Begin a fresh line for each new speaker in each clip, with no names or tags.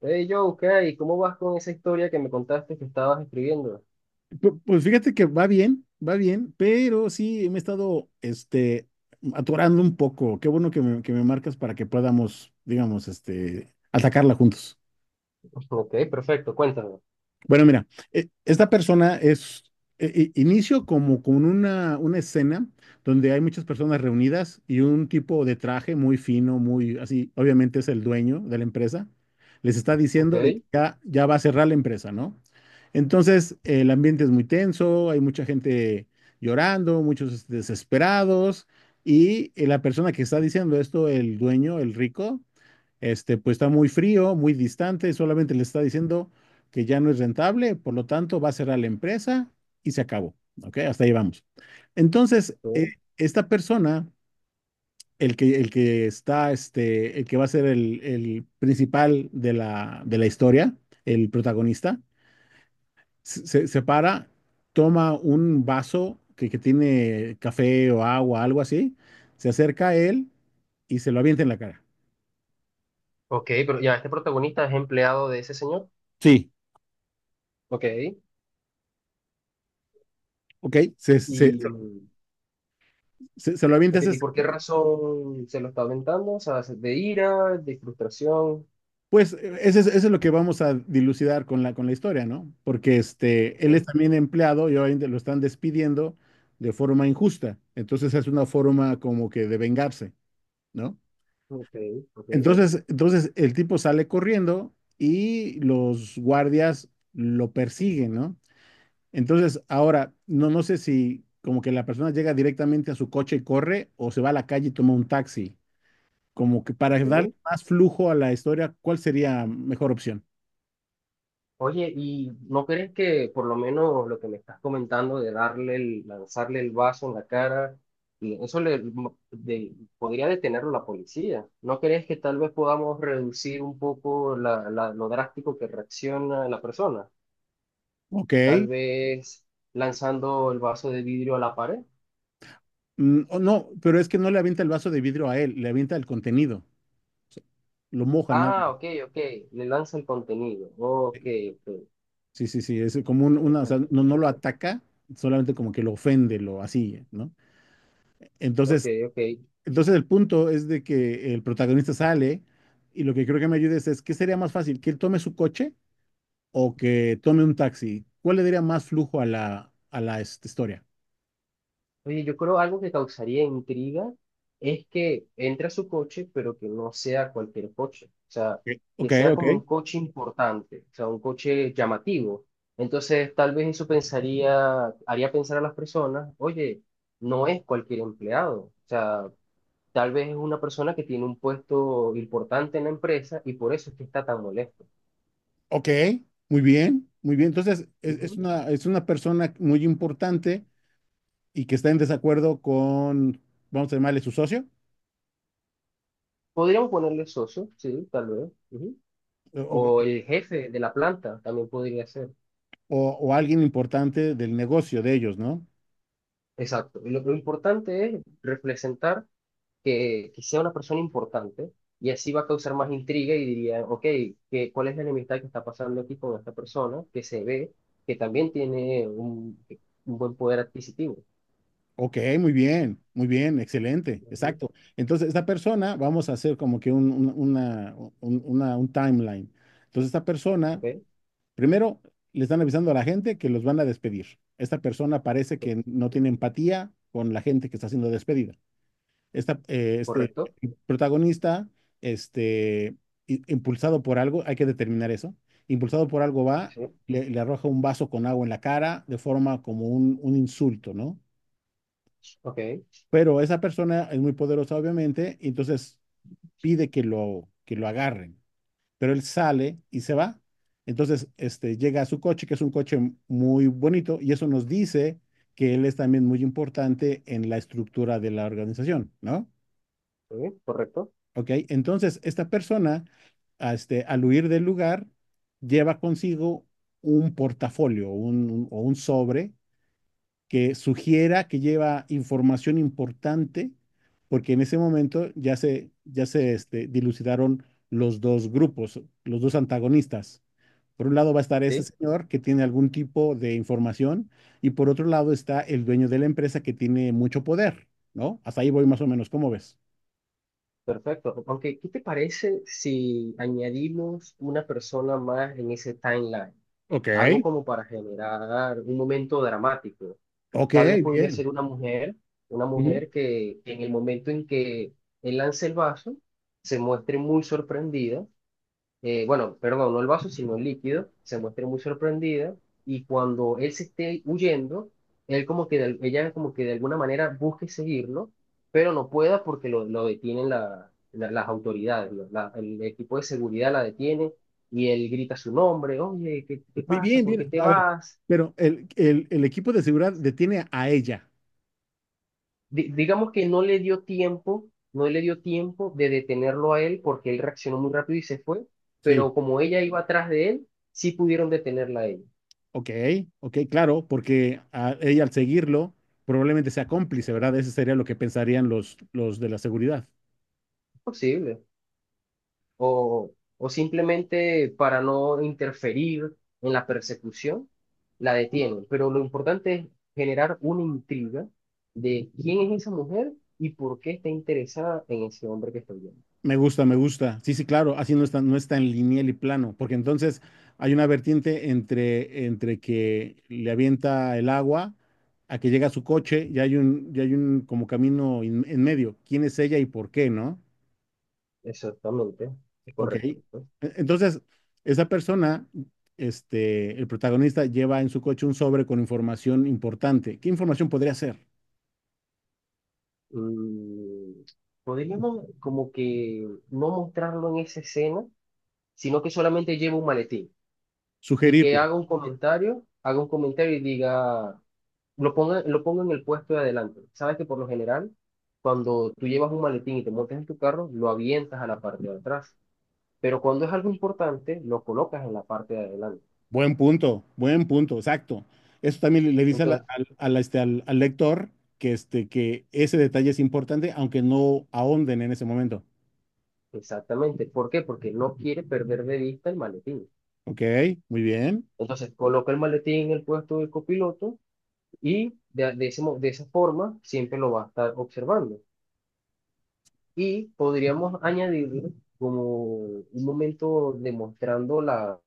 Hey Joe, ¿qué hay? ¿Cómo vas con esa historia que me contaste que estabas escribiendo?
Pues fíjate que va bien, pero sí me he estado atorando un poco. Qué bueno que me marcas para que podamos, digamos, atacarla juntos.
Ok, perfecto, cuéntame.
Bueno, mira, esta persona es, inicio como con una escena donde hay muchas personas reunidas y un tipo de traje muy fino, muy así, obviamente es el dueño de la empresa, les está
Ok,
diciendo de que ya, ya va a cerrar la empresa, ¿no? Entonces, el ambiente es muy tenso, hay mucha gente llorando, muchos desesperados y la persona que está diciendo esto, el dueño, el rico, pues está muy frío, muy distante, solamente le está diciendo que ya no es rentable, por lo tanto va a cerrar la empresa y se acabó. ¿Ok? Hasta ahí vamos. Entonces,
ok,
esta persona, el que está, el que va a ser el principal de de la historia, el protagonista, se para, toma un vaso que tiene café o agua, algo así, se acerca a él y se lo avienta en la cara.
ok, pero ya, este protagonista es empleado de ese señor.
Sí,
Ok,
ok.
y,
Se lo
ok,
avientas,
¿y por qué razón se lo está aventando? O sea, ¿de ira, de frustración?
pues eso es lo que vamos a dilucidar con con la historia, ¿no? Porque este,
Ok,
él es también empleado y obviamente lo están despidiendo de forma injusta. Entonces es una forma como que de vengarse, ¿no?
ok, ok,
Entonces el tipo sale corriendo y los guardias lo persiguen, ¿no? Entonces, ahora, no sé si como que la persona llega directamente a su coche y corre o se va a la calle y toma un taxi. Como que para darle
ok.
más flujo a la historia, ¿cuál sería mejor opción?
Oye, ¿y no crees que por lo menos lo que me estás comentando de darle el, lanzarle el vaso en la cara, y eso le podría detenerlo la policía? ¿No crees que tal vez podamos reducir un poco lo drástico que reacciona la persona? Tal
Ok.
vez lanzando el vaso de vidrio a la pared.
Mm, o no, pero es que no le avienta el vaso de vidrio a él, le avienta el contenido, lo moja nada.
Ah, ok, ok, le lanza el contenido. Ok, ok,
Sí, sí, sí, es como una, o sea, no lo ataca, solamente como que lo ofende, lo así, ¿no?
ok,
Entonces,
ok.
entonces el punto es de que el protagonista sale y lo que creo que me ayudes es, ¿qué sería más fácil? ¿Que él tome su coche o que tome un taxi? ¿Cuál le daría más flujo a la historia?
Oye, yo creo algo que causaría intriga es que entre a su coche, pero que no sea cualquier coche. O sea,
Ok,
que
ok.
sea
Ok.
como un coche importante, o sea, un coche llamativo. Entonces, tal vez eso pensaría, haría pensar a las personas, oye, no es cualquier empleado. O sea, tal vez es una persona que tiene un puesto importante en la empresa y por eso es que está tan molesto.
Ok, muy bien, muy bien. Entonces,
Ujú.
es una persona muy importante y que está en desacuerdo con, vamos a llamarle su socio,
Podríamos ponerle socio, sí, tal vez. Ujú. O
ok,
el jefe de la planta también podría ser.
o alguien importante del negocio de ellos, ¿no?
Exacto. Y lo importante es representar que sea una persona importante y así va a causar más intriga y diría, ok, que, ¿cuál es la enemistad que está pasando aquí con esta persona que se ve que también tiene un buen poder adquisitivo?
Ok, muy bien, excelente,
Ujú.
exacto. Entonces, esta persona, vamos a hacer como que una, un timeline. Entonces, esta persona,
Ok,
primero, le están avisando a la gente que los van a despedir. Esta persona parece
pues,
que no tiene empatía con la gente que está siendo despedida. Esta, este
correcto.
protagonista, este, impulsado por algo, hay que determinar eso, impulsado por algo va,
Sí.
le arroja un vaso con agua en la cara de forma como un insulto, ¿no?
Ok, sí,
Pero esa persona es muy poderosa, obviamente, y entonces pide que que lo agarren, pero él sale y se va. Entonces, llega a su coche, que es un coche muy bonito, y eso nos dice que él es también muy importante en la estructura de la organización, ¿no?
correcto.
¿Ok? Entonces, esta persona, a este, al huir del lugar, lleva consigo un portafolio o un sobre que sugiera que lleva información importante, porque en ese momento ya se dilucidaron los dos grupos, los dos antagonistas. Por un lado va a estar ese
Sí,
señor que tiene algún tipo de información y por otro lado está el dueño de la empresa que tiene mucho poder, ¿no? Hasta ahí voy más o menos, ¿cómo ves?
perfecto. Aunque, ¿qué te parece si añadimos una persona más en ese timeline?
Ok.
Algo como para generar un momento dramático.
Ok,
Tal vez podría
bien.
ser una
Ujú.
mujer que en el momento en que él lance el vaso, se muestre muy sorprendida, bueno, perdón, no el vaso, sino el líquido, se muestre muy sorprendida y cuando él se esté huyendo, él como que de- ella como que de alguna manera busque seguirlo, pero no pueda porque lo detienen las autoridades, ¿no? El equipo de seguridad la detiene y él grita su nombre, oye, ¿qué, qué
Muy
pasa?
bien,
¿Por qué
bien.
te
A ver,
vas?
pero el equipo de seguridad detiene a ella.
Digamos que no le dio tiempo, no le dio tiempo de detenerlo a él porque él reaccionó muy rápido y se fue,
Sí,
pero como ella iba atrás de él, sí pudieron detenerla a ella.
ok, ok, claro, porque a ella al seguirlo probablemente sea cómplice, ¿verdad? Ese sería lo que pensarían los de la seguridad.
Es posible. O simplemente para no interferir en la persecución, la detienen. Pero lo importante es generar una intriga de quién es esa mujer y por qué está interesada en ese hombre que estoy viendo.
Me gusta, me gusta. Sí, sí, claro, así no está, no está en lineal y plano, porque entonces hay una vertiente entre que le avienta el agua a que llega a su coche y hay un como camino en medio. ¿Quién es ella y por qué, no?
Exactamente, es
Ok.
correcto.
Entonces, esa persona, el protagonista lleva en su coche un sobre con información importante. ¿Qué información podría ser?
Mm, podríamos como que no mostrarlo en esa escena, sino que solamente lleve un maletín y que
Sugerirlo.
haga un comentario y diga, lo ponga en el puesto de adelante. Sabes que por lo general, cuando tú llevas un maletín y te montas en tu carro, lo avientas a la parte de atrás. Pero cuando es algo importante, lo colocas en la parte de adelante.
Buen punto, exacto. Eso también le dice a
Entonces,
al lector que, que ese detalle es importante, aunque no ahonden en ese momento.
exactamente. ¿Por qué? Porque no quiere perder de vista el maletín.
Ok, muy bien.
Entonces, coloca el maletín en el puesto del copiloto. Y de esa forma siempre lo va a estar observando. Y podríamos añadir como un momento demostrando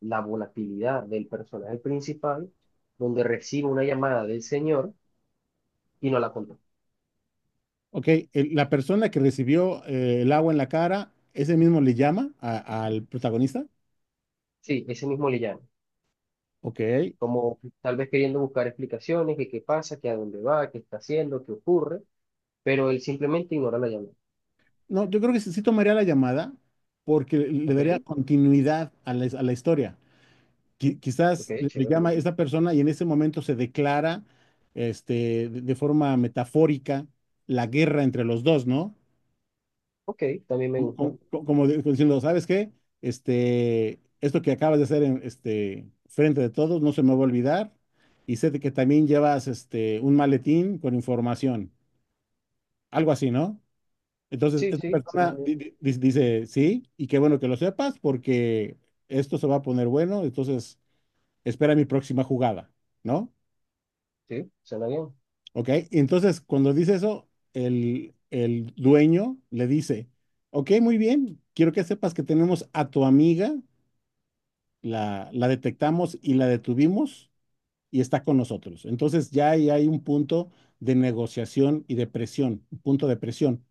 la volatilidad del personaje principal, donde recibe una llamada del señor y no la contesta.
Ok, la persona que recibió el agua en la cara, ese mismo le llama al protagonista.
Sí, ese mismo le llama.
Ok.
Como tal vez queriendo buscar explicaciones, que qué pasa, que a dónde va, qué está haciendo, qué ocurre, pero él simplemente ignora la llamada.
No, yo creo que sí, sí tomaría la llamada porque le
¿Ok?
daría continuidad a a la historia. Quizás
¿Ok?
le
Chévere.
llama a esta persona y en ese momento se declara de forma metafórica la guerra entre los dos, ¿no?
Ok, también me gusta.
Como diciendo, ¿sabes qué? Este, esto que acabas de hacer en, frente de todos no se me va a olvidar y sé de que también llevas un maletín con información, algo así, ¿no? Entonces,
Sí,
esta
sí,
persona
suena bien.
dice, sí, y qué bueno que lo sepas porque esto se va a poner bueno, entonces espera mi próxima jugada, ¿no?
Sí, suena bien.
Ok, y entonces cuando dice eso, el dueño le dice, ok, muy bien, quiero que sepas que tenemos a tu amiga, la detectamos y la detuvimos y está con nosotros. Entonces ya ahí hay un punto de negociación y de presión, un punto de presión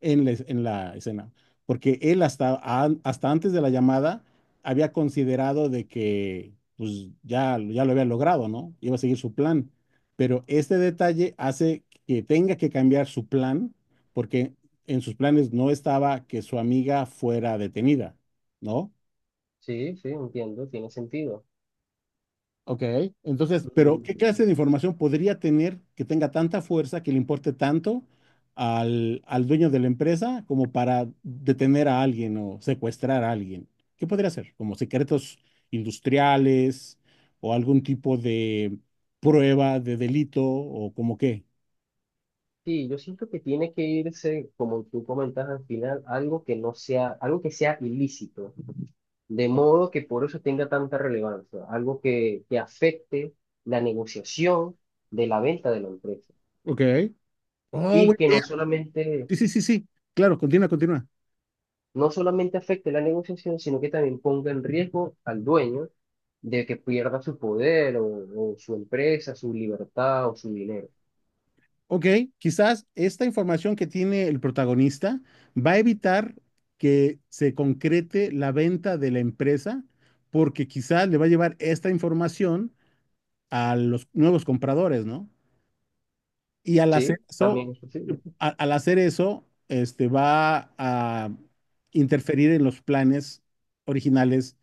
en en la escena, porque él hasta antes de la llamada había considerado de que pues ya, ya lo había logrado, ¿no? Iba a seguir su plan, pero este detalle hace que tenga que cambiar su plan porque en sus planes no estaba que su amiga fuera detenida, ¿no?
Sí, sí, entiendo, tiene sentido.
Ok, entonces, pero ¿qué
Mm,
clase de información podría tener que tenga tanta fuerza, que le importe tanto al dueño de la empresa como para detener a alguien o secuestrar a alguien? ¿Qué podría ser? ¿Como secretos industriales o algún tipo de prueba de delito o como qué?
sí, yo siento que tiene que irse, como tú comentas al final, algo que no sea, algo que sea ilícito, de modo que por eso tenga tanta relevancia, algo que afecte la negociación de la venta de la empresa
Ok. Oh,
y
buena
que
idea.
no solamente,
Sí, sí, sí, sí. Claro, continúa, continúa.
no solamente afecte la negociación, sino que también ponga en riesgo al dueño de que pierda su poder o su empresa, su libertad o su dinero.
Ok, quizás esta información que tiene el protagonista va a evitar que se concrete la venta de la empresa, porque quizás le va a llevar esta información a los nuevos compradores, ¿no? Y al hacer
Sí,
eso,
también es posible.
al hacer eso, va a interferir en los planes originales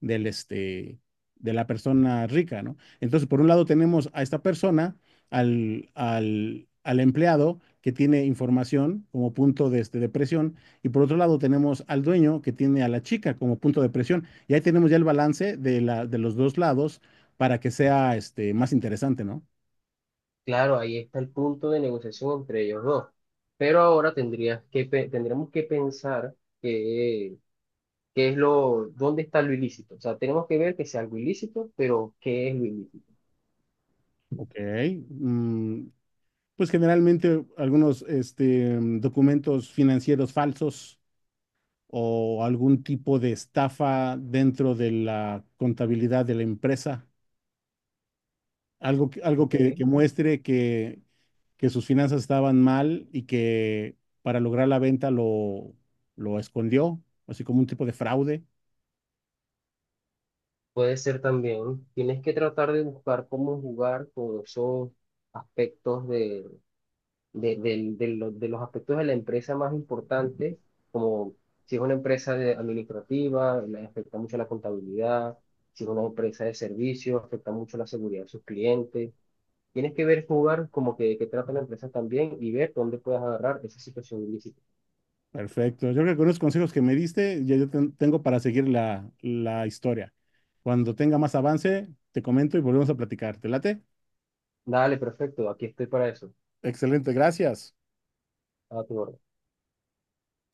del este de la persona rica, ¿no? Entonces, por un lado tenemos a esta persona, al empleado que tiene información como punto de, de presión, y por otro lado tenemos al dueño que tiene a la chica como punto de presión. Y ahí tenemos ya el balance de de los dos lados para que sea más interesante, ¿no?
Claro, ahí está el punto de negociación entre ellos dos. Pero ahora tendrías que, tendremos que pensar que, qué es lo, dónde está lo ilícito. O sea, tenemos que ver que sea algo ilícito, pero qué es lo ilícito.
Ok, mm, pues generalmente algunos documentos financieros falsos o algún tipo de estafa dentro de la contabilidad de la empresa, algo, algo
¿Ok?
que muestre que sus finanzas estaban mal y que para lograr la venta lo escondió, así como un tipo de fraude.
Puede ser también, tienes que tratar de buscar cómo jugar con esos aspectos de los aspectos de la empresa más importantes, como si es una empresa administrativa, le afecta mucho la contabilidad, si es una empresa de servicios, afecta mucho la seguridad de sus clientes. Tienes que ver, jugar como que trata la empresa también y ver dónde puedes agarrar esa situación ilícita.
Perfecto. Yo creo que con los consejos que me diste, ya yo tengo para seguir la historia. Cuando tenga más avance, te comento y volvemos a platicar. ¿Te late?
Dale, perfecto, aquí estoy para eso.
Excelente, gracias.
A tu orden.